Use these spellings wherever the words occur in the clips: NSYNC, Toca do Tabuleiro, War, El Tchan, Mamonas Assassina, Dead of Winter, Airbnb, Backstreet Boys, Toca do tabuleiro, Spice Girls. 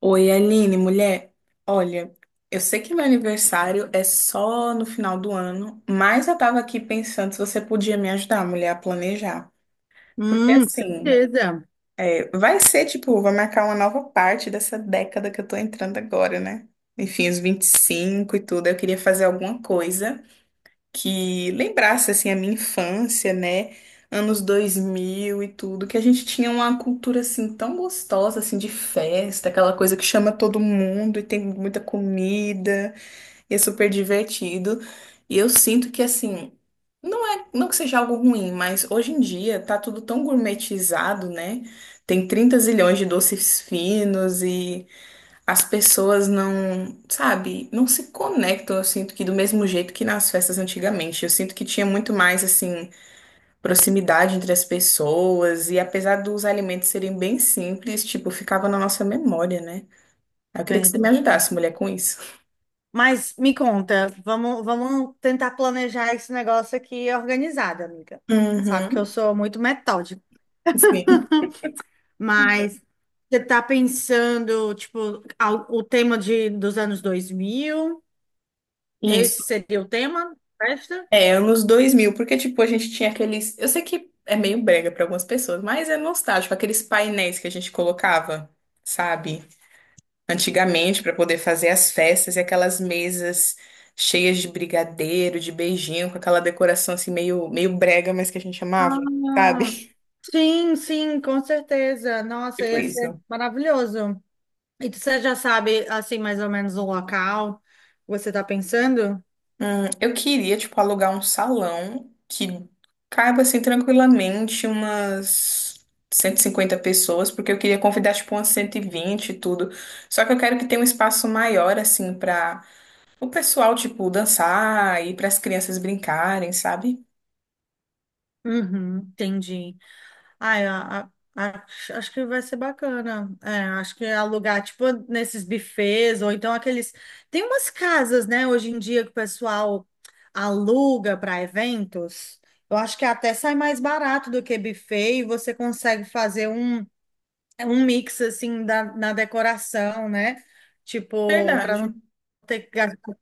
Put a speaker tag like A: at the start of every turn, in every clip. A: Oi, Aline, mulher. Olha, eu sei que meu aniversário é só no final do ano, mas eu tava aqui pensando se você podia me ajudar, mulher, a planejar. Porque assim,
B: Certeza.
A: é, vai marcar uma nova parte dessa década que eu tô entrando agora, né? Enfim, os 25 e tudo. Eu queria fazer alguma coisa que lembrasse assim a minha infância, né? Anos 2000 e tudo, que a gente tinha uma cultura assim tão gostosa assim de festa, aquela coisa que chama todo mundo e tem muita comida, e é super divertido. E eu sinto que assim, não é, não que seja algo ruim, mas hoje em dia tá tudo tão gourmetizado, né? Tem 30 zilhões de doces finos e as pessoas não, sabe, não se conectam, eu sinto que do mesmo jeito que nas festas antigamente. Eu sinto que tinha muito mais, assim, proximidade entre as pessoas, e apesar dos alimentos serem bem simples, tipo, ficava na nossa memória, né? Eu queria que você me
B: Verdade.
A: ajudasse, mulher, com isso.
B: Mas me conta, vamos tentar planejar esse negócio aqui organizado, amiga. Sabe que eu
A: Uhum,
B: sou muito metódica,
A: sim,
B: mas você tá pensando, tipo, o tema dos anos 2000.
A: isso.
B: Esse seria o tema da festa?
A: É, anos 2000 porque, tipo, a gente tinha aqueles. Eu sei que é meio brega para algumas pessoas, mas é nostálgico, aqueles painéis que a gente colocava, sabe? Antigamente para poder fazer as festas e aquelas mesas cheias de brigadeiro, de beijinho, com aquela decoração assim meio, meio brega, mas que a gente amava,
B: Ah,
A: sabe?
B: sim, sim, com certeza. Nossa,
A: Tipo
B: ia ser
A: isso.
B: maravilhoso. E você já sabe, assim, mais ou menos o local que você está pensando?
A: Eu queria, tipo, alugar um salão que caiba, assim, tranquilamente umas 150 pessoas, porque eu queria convidar, tipo, umas 120 e vinte e tudo. Só que eu quero que tenha um espaço maior, assim, pra o pessoal, tipo, dançar e para as crianças brincarem, sabe?
B: Uhum, entendi. Ai, a- Acho que vai ser bacana. É, acho que alugar, tipo, nesses bufês, ou então aqueles. Tem umas casas, né, hoje em dia que o pessoal aluga para eventos. Eu acho que até sai mais barato do que buffet e você consegue fazer um mix, assim, na decoração, né? Tipo, para
A: Verdade.
B: não ter que gastar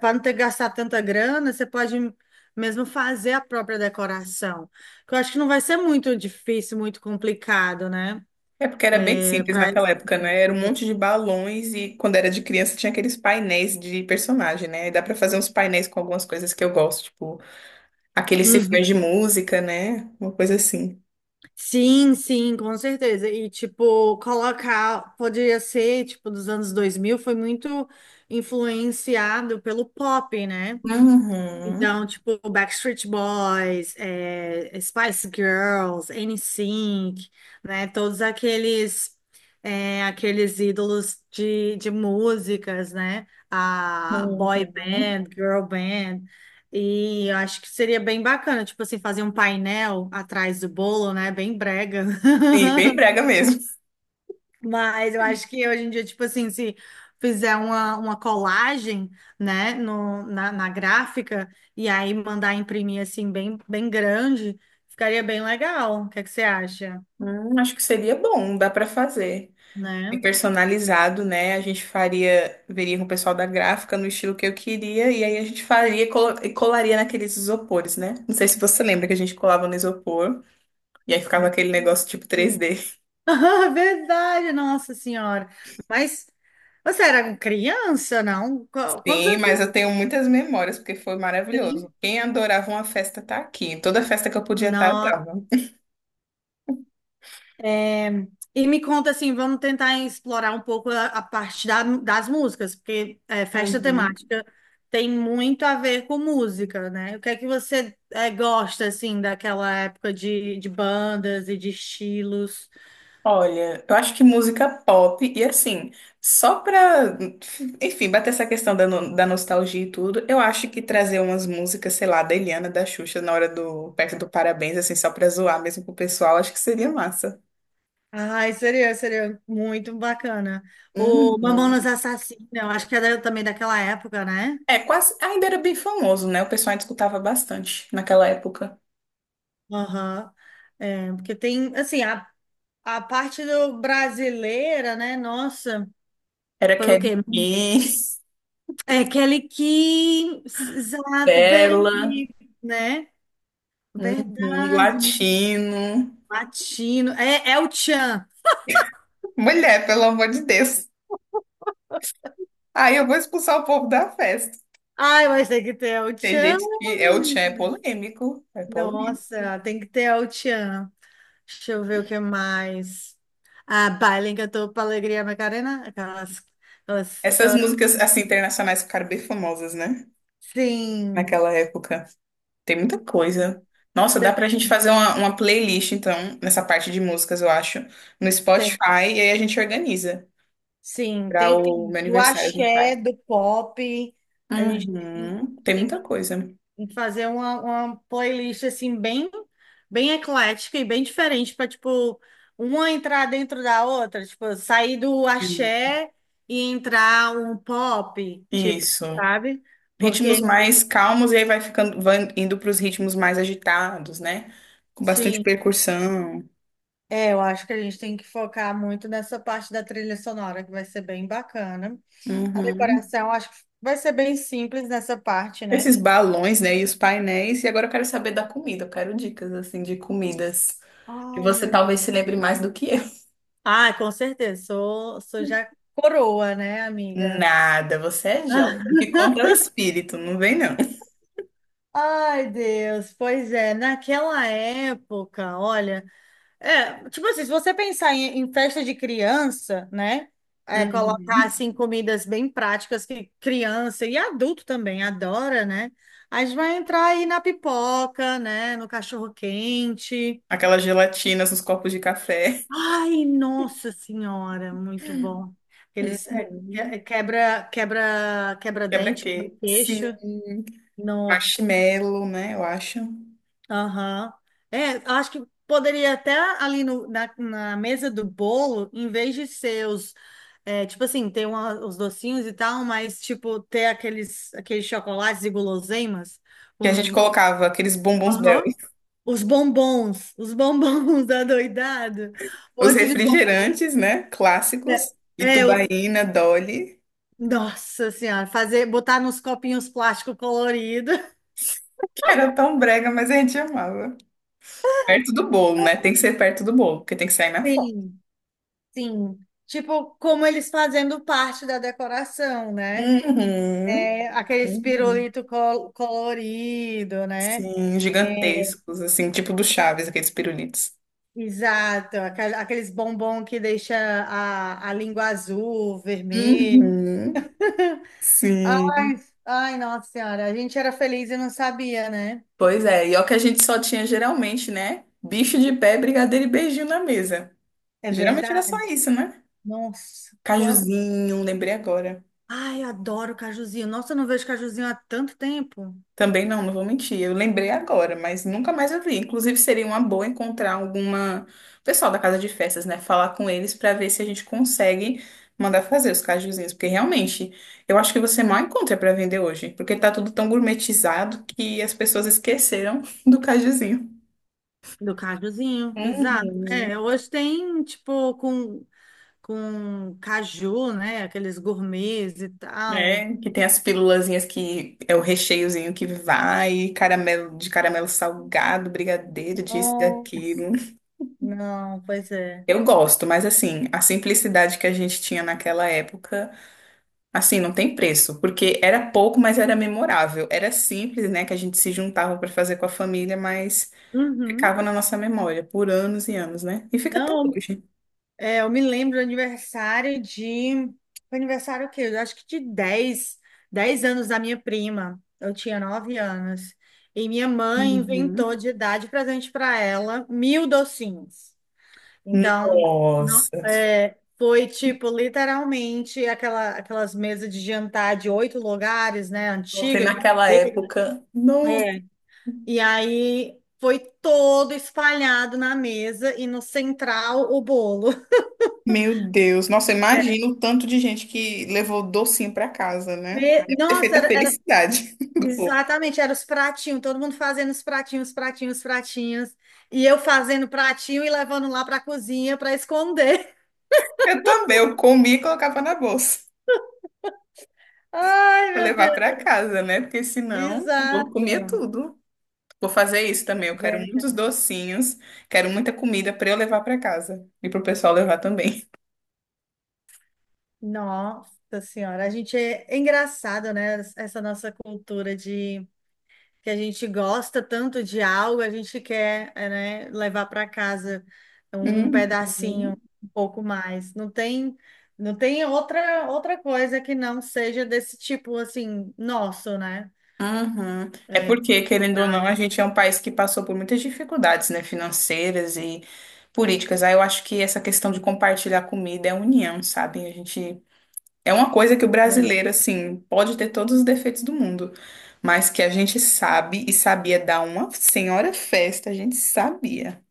B: para não ter que gastar tanta grana, você pode mesmo fazer a própria decoração. Que eu acho que não vai ser muito difícil, muito complicado, né?
A: É porque era bem
B: É
A: simples
B: para.
A: naquela época, né? Era um monte de balões e quando era de criança tinha aqueles painéis de personagem, né? E dá pra fazer uns painéis com algumas coisas que eu gosto, tipo aqueles cifrões de
B: Uhum.
A: música, né? Uma coisa assim.
B: Sim, sim, com certeza. E, tipo, colocar, poderia ser, tipo, dos anos 2000 foi muito influenciado pelo pop, né?
A: Uhum.
B: Então, tipo, Backstreet Boys, Spice Girls, NSYNC, né? Todos aqueles aqueles ídolos de músicas, né? A boy
A: Uhum.
B: band, girl band. E eu acho que seria bem bacana, tipo assim, fazer um painel atrás do bolo, né? Bem brega.
A: Sim, bem brega mesmo.
B: Mas eu acho que hoje em dia, tipo assim, se fizer uma colagem, né, no, na, na gráfica, e aí mandar imprimir assim, bem, bem grande, ficaria bem legal. O que é que você acha,
A: Acho que seria bom, dá pra fazer. E
B: né?
A: personalizado, né? A gente faria, veria com o pessoal da gráfica no estilo que eu queria, e aí a gente faria e colaria naqueles isopores, né? Não sei se você lembra que a gente colava no isopor. E aí ficava aquele negócio tipo
B: Sim.
A: 3D.
B: Verdade, nossa senhora. Mas você era criança, não? Quantos
A: Sim,
B: anos
A: mas eu tenho muitas memórias, porque foi
B: você tem?
A: maravilhoso. Quem adorava uma festa tá aqui. Toda festa que eu podia estar, eu tava.
B: É, e me conta assim, vamos tentar explorar um pouco a parte das músicas, porque é, festa
A: Uhum.
B: temática tem muito a ver com música, né? O que é que você gosta assim daquela época de bandas e de estilos?
A: Olha, eu acho que música pop, e assim, só pra, enfim, bater essa questão da, da nostalgia e tudo, eu acho que trazer umas músicas, sei lá, da Eliana, da Xuxa, na hora do, perto do Parabéns, assim, só pra zoar mesmo pro pessoal, acho que seria massa.
B: Ai, seria muito bacana. O Mamonas
A: Uhum.
B: Assassina, eu acho que é também daquela época, né?
A: É, quase, ainda era bem famoso, né? O pessoal ainda escutava bastante naquela época.
B: Aham. É, porque tem, assim, a parte do brasileira, né? Nossa,
A: Era
B: foi o quê?
A: Kelly Kiss,
B: É aquele que, exato, bem,
A: Bella,
B: né?
A: uhum,
B: Verdade, menino.
A: Latino.
B: Latino. É o Tchan.
A: Mulher, pelo amor de Deus. Aí eu vou expulsar o povo da festa.
B: Ai, mas tem que ter El
A: Tem
B: Tchan,
A: gente que é o tchan,
B: menino.
A: é polêmico. É polêmico.
B: Nossa, tem que ter El Tchan. Deixa eu ver o que mais. Ah, Baile Cantou pra Alegria Macarena. Aquelas, aquelas,
A: Essas
B: aquelas.
A: músicas, assim, internacionais ficaram bem famosas, né?
B: Sim,
A: Naquela época. Tem muita coisa. Nossa, dá
B: tem,
A: pra gente fazer uma playlist, então, nessa parte de músicas, eu acho, no Spotify,
B: tem.
A: e aí a gente organiza.
B: Sim,
A: Pra
B: tem,
A: o
B: tem
A: meu
B: do
A: aniversário a gente vai.
B: axé, do pop. A gente tem.
A: Uhum. Tem
B: tem
A: muita coisa.
B: em fazer uma playlist assim bem bem eclética e bem diferente para tipo uma entrar dentro da outra, tipo sair do
A: Sim.
B: axé e entrar um pop, tipo,
A: Isso.
B: sabe?
A: Ritmos
B: Porque
A: mais calmos e aí vai ficando, vai indo para os ritmos mais agitados, né? Com bastante
B: sim,
A: percussão.
B: eu acho que a gente tem que focar muito nessa parte da trilha sonora que vai ser bem bacana. A
A: Uhum.
B: decoração acho que vai ser bem simples nessa parte, né?
A: Esses balões, né? E os painéis. E agora eu quero saber da comida. Eu quero dicas, assim, de comidas que
B: Ai,
A: você
B: meu
A: talvez se
B: Deus.
A: lembre mais do que eu.
B: Ah, com certeza. Sou já coroa, né, amiga?
A: Nada, você é jovem. O que conta é o espírito, não vem não.
B: Ai, Deus, pois é, naquela época, olha, tipo assim, se você pensar em festa de criança, né, colocar,
A: Uhum.
B: assim, comidas bem práticas que criança e adulto também adora, né, a gente vai entrar aí na pipoca, né, no cachorro-quente,
A: Aquelas gelatinas nos copos de café.
B: ai, nossa senhora, muito bom, eles é, que-
A: Uhum.
B: é, quebra, quebra, quebra dente, quebra
A: Quebra-queixo.
B: queixo,
A: Sim.
B: nossa.
A: Marshmallow, né? Eu acho.
B: Aham. É, acho que poderia até ali no, na, na mesa do bolo, em vez de ser os, tipo assim, ter os docinhos e tal, mas tipo, ter aqueles chocolates e guloseimas
A: Que a gente
B: com.
A: colocava aqueles bombons.
B: Aham. Os bombons, os bombons da doidado, um
A: Os
B: monte de bombom.
A: refrigerantes, né? Clássicos.
B: É, os,
A: Itubaína, Dolly,
B: nossa senhora, fazer, botar nos copinhos plástico colorido.
A: que era tão brega, mas a gente amava. Perto do bolo, né? Tem que ser perto do bolo, porque tem que sair na foto.
B: Sim, sim. Tipo, como eles fazendo parte da decoração, né?
A: Uhum.
B: É, aquele
A: Uhum.
B: pirulito colorido, né?
A: Sim,
B: É,
A: gigantescos, assim, tipo do Chaves, aqueles pirulitos.
B: exato, aqueles bombom que deixa a língua azul, vermelho.
A: Uhum.
B: Ai,
A: Sim.
B: ai, nossa senhora, a gente era feliz e não sabia, né?
A: Pois é, e é o que a gente só tinha geralmente, né? Bicho de pé, brigadeiro e beijinho na mesa.
B: É
A: Geralmente era só
B: verdade.
A: isso, né?
B: Nossa, quanto.
A: Cajuzinho, lembrei agora.
B: Ai, eu adoro cajuzinho. Nossa, eu não vejo cajuzinho há tanto tempo.
A: Também não, não vou mentir. Eu lembrei agora, mas nunca mais eu vi. Inclusive, seria uma boa encontrar alguma pessoal da casa de festas, né? Falar com eles para ver se a gente consegue mandar fazer os cajuzinhos, porque realmente eu acho que você mal encontra para vender hoje, porque tá tudo tão gourmetizado que as pessoas esqueceram do cajuzinho.
B: Do cajuzinho, exato.
A: Uhum.
B: É, hoje tem, tipo, com caju, né? Aqueles gourmets e tal.
A: É, que tem as pílulazinhas que é o recheiozinho que vai, caramelo de caramelo salgado, brigadeiro, disso,
B: Nossa.
A: daquilo.
B: Não, pois é.
A: Eu gosto, mas assim, a simplicidade que a gente tinha naquela época, assim, não tem preço, porque era pouco, mas era memorável. Era simples, né, que a gente se juntava para fazer com a família, mas
B: Uhum.
A: ficava na nossa memória por anos e anos, né? E fica até
B: Não,
A: hoje.
B: eu me lembro do aniversário de. Foi aniversário o quê? Eu acho que de dez anos da minha prima. Eu tinha 9 anos. E minha mãe
A: Uhum.
B: inventou de dar de presente para ela mil docinhos. Então,
A: Nossa,
B: foi tipo, literalmente, aquelas mesas de jantar de oito lugares, né?
A: você
B: Antiga, de
A: naquela
B: madeira.
A: época, não,
B: É, e aí foi todo espalhado na mesa e no central o bolo.
A: meu Deus, nossa, imagina o tanto de gente que levou docinho para casa, né?
B: E,
A: Deve ter feito
B: nossa,
A: a felicidade do povo.
B: exatamente, era os pratinhos, todo mundo fazendo os pratinhos, pratinhos, pratinhos. E eu fazendo pratinho e levando lá para a cozinha para esconder.
A: Eu também, eu comia e colocava na bolsa.
B: Ai,
A: Pra
B: meu
A: levar pra
B: Deus.
A: casa, né? Porque senão eu vou
B: Exato.
A: comer tudo. Vou fazer isso também. Eu quero muitos
B: Verdade.
A: docinhos, quero muita comida pra eu levar pra casa e pro pessoal levar também.
B: Nossa Senhora, a gente é engraçado, né? Essa nossa cultura de que a gente gosta tanto de algo, a gente quer, né, levar para casa um
A: Uhum.
B: pedacinho, um pouco mais. Não tem outra coisa que não seja desse tipo assim, nosso, né?
A: Uhum. É
B: É,
A: porque, querendo ou não, a
B: cultural,
A: gente é um país que passou por muitas dificuldades, né, financeiras e políticas. Aí eu acho que essa questão de compartilhar comida é união, sabe? A gente é uma coisa que o
B: né?
A: brasileiro, assim, pode ter todos os defeitos do mundo, mas que a gente sabe e sabia dar uma senhora festa, a gente sabia,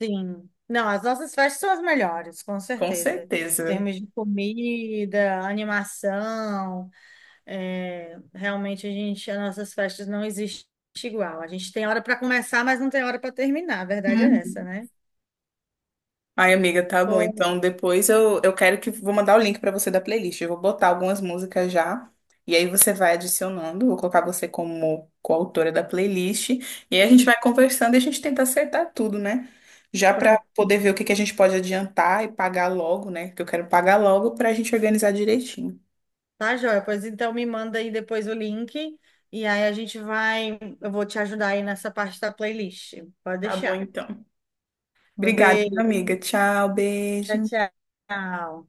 B: Sim. Não, as nossas festas são as melhores, com
A: com
B: certeza. Em
A: certeza.
B: termos de comida, animação, realmente as nossas festas não existem igual. A gente tem hora para começar, mas não tem hora para terminar. A verdade é essa, né?
A: Ai, amiga, tá bom. Então,
B: Pô,
A: depois eu quero que vou mandar o link pra você da playlist. Eu vou botar algumas músicas já. E aí você vai adicionando. Vou colocar você como coautora da playlist. E aí a gente vai conversando e a gente tenta acertar tudo, né? Já pra
B: pronto,
A: poder ver o que que a gente pode adiantar e pagar logo, né? Que eu quero pagar logo pra gente organizar direitinho.
B: tá, joia. Pois então me manda aí depois o link e aí eu vou te ajudar aí nessa parte da playlist. Pode
A: Tá bom,
B: deixar.
A: então.
B: Pois
A: Obrigada,
B: bem,
A: amiga. Tchau, beijo.
B: tchau, tchau.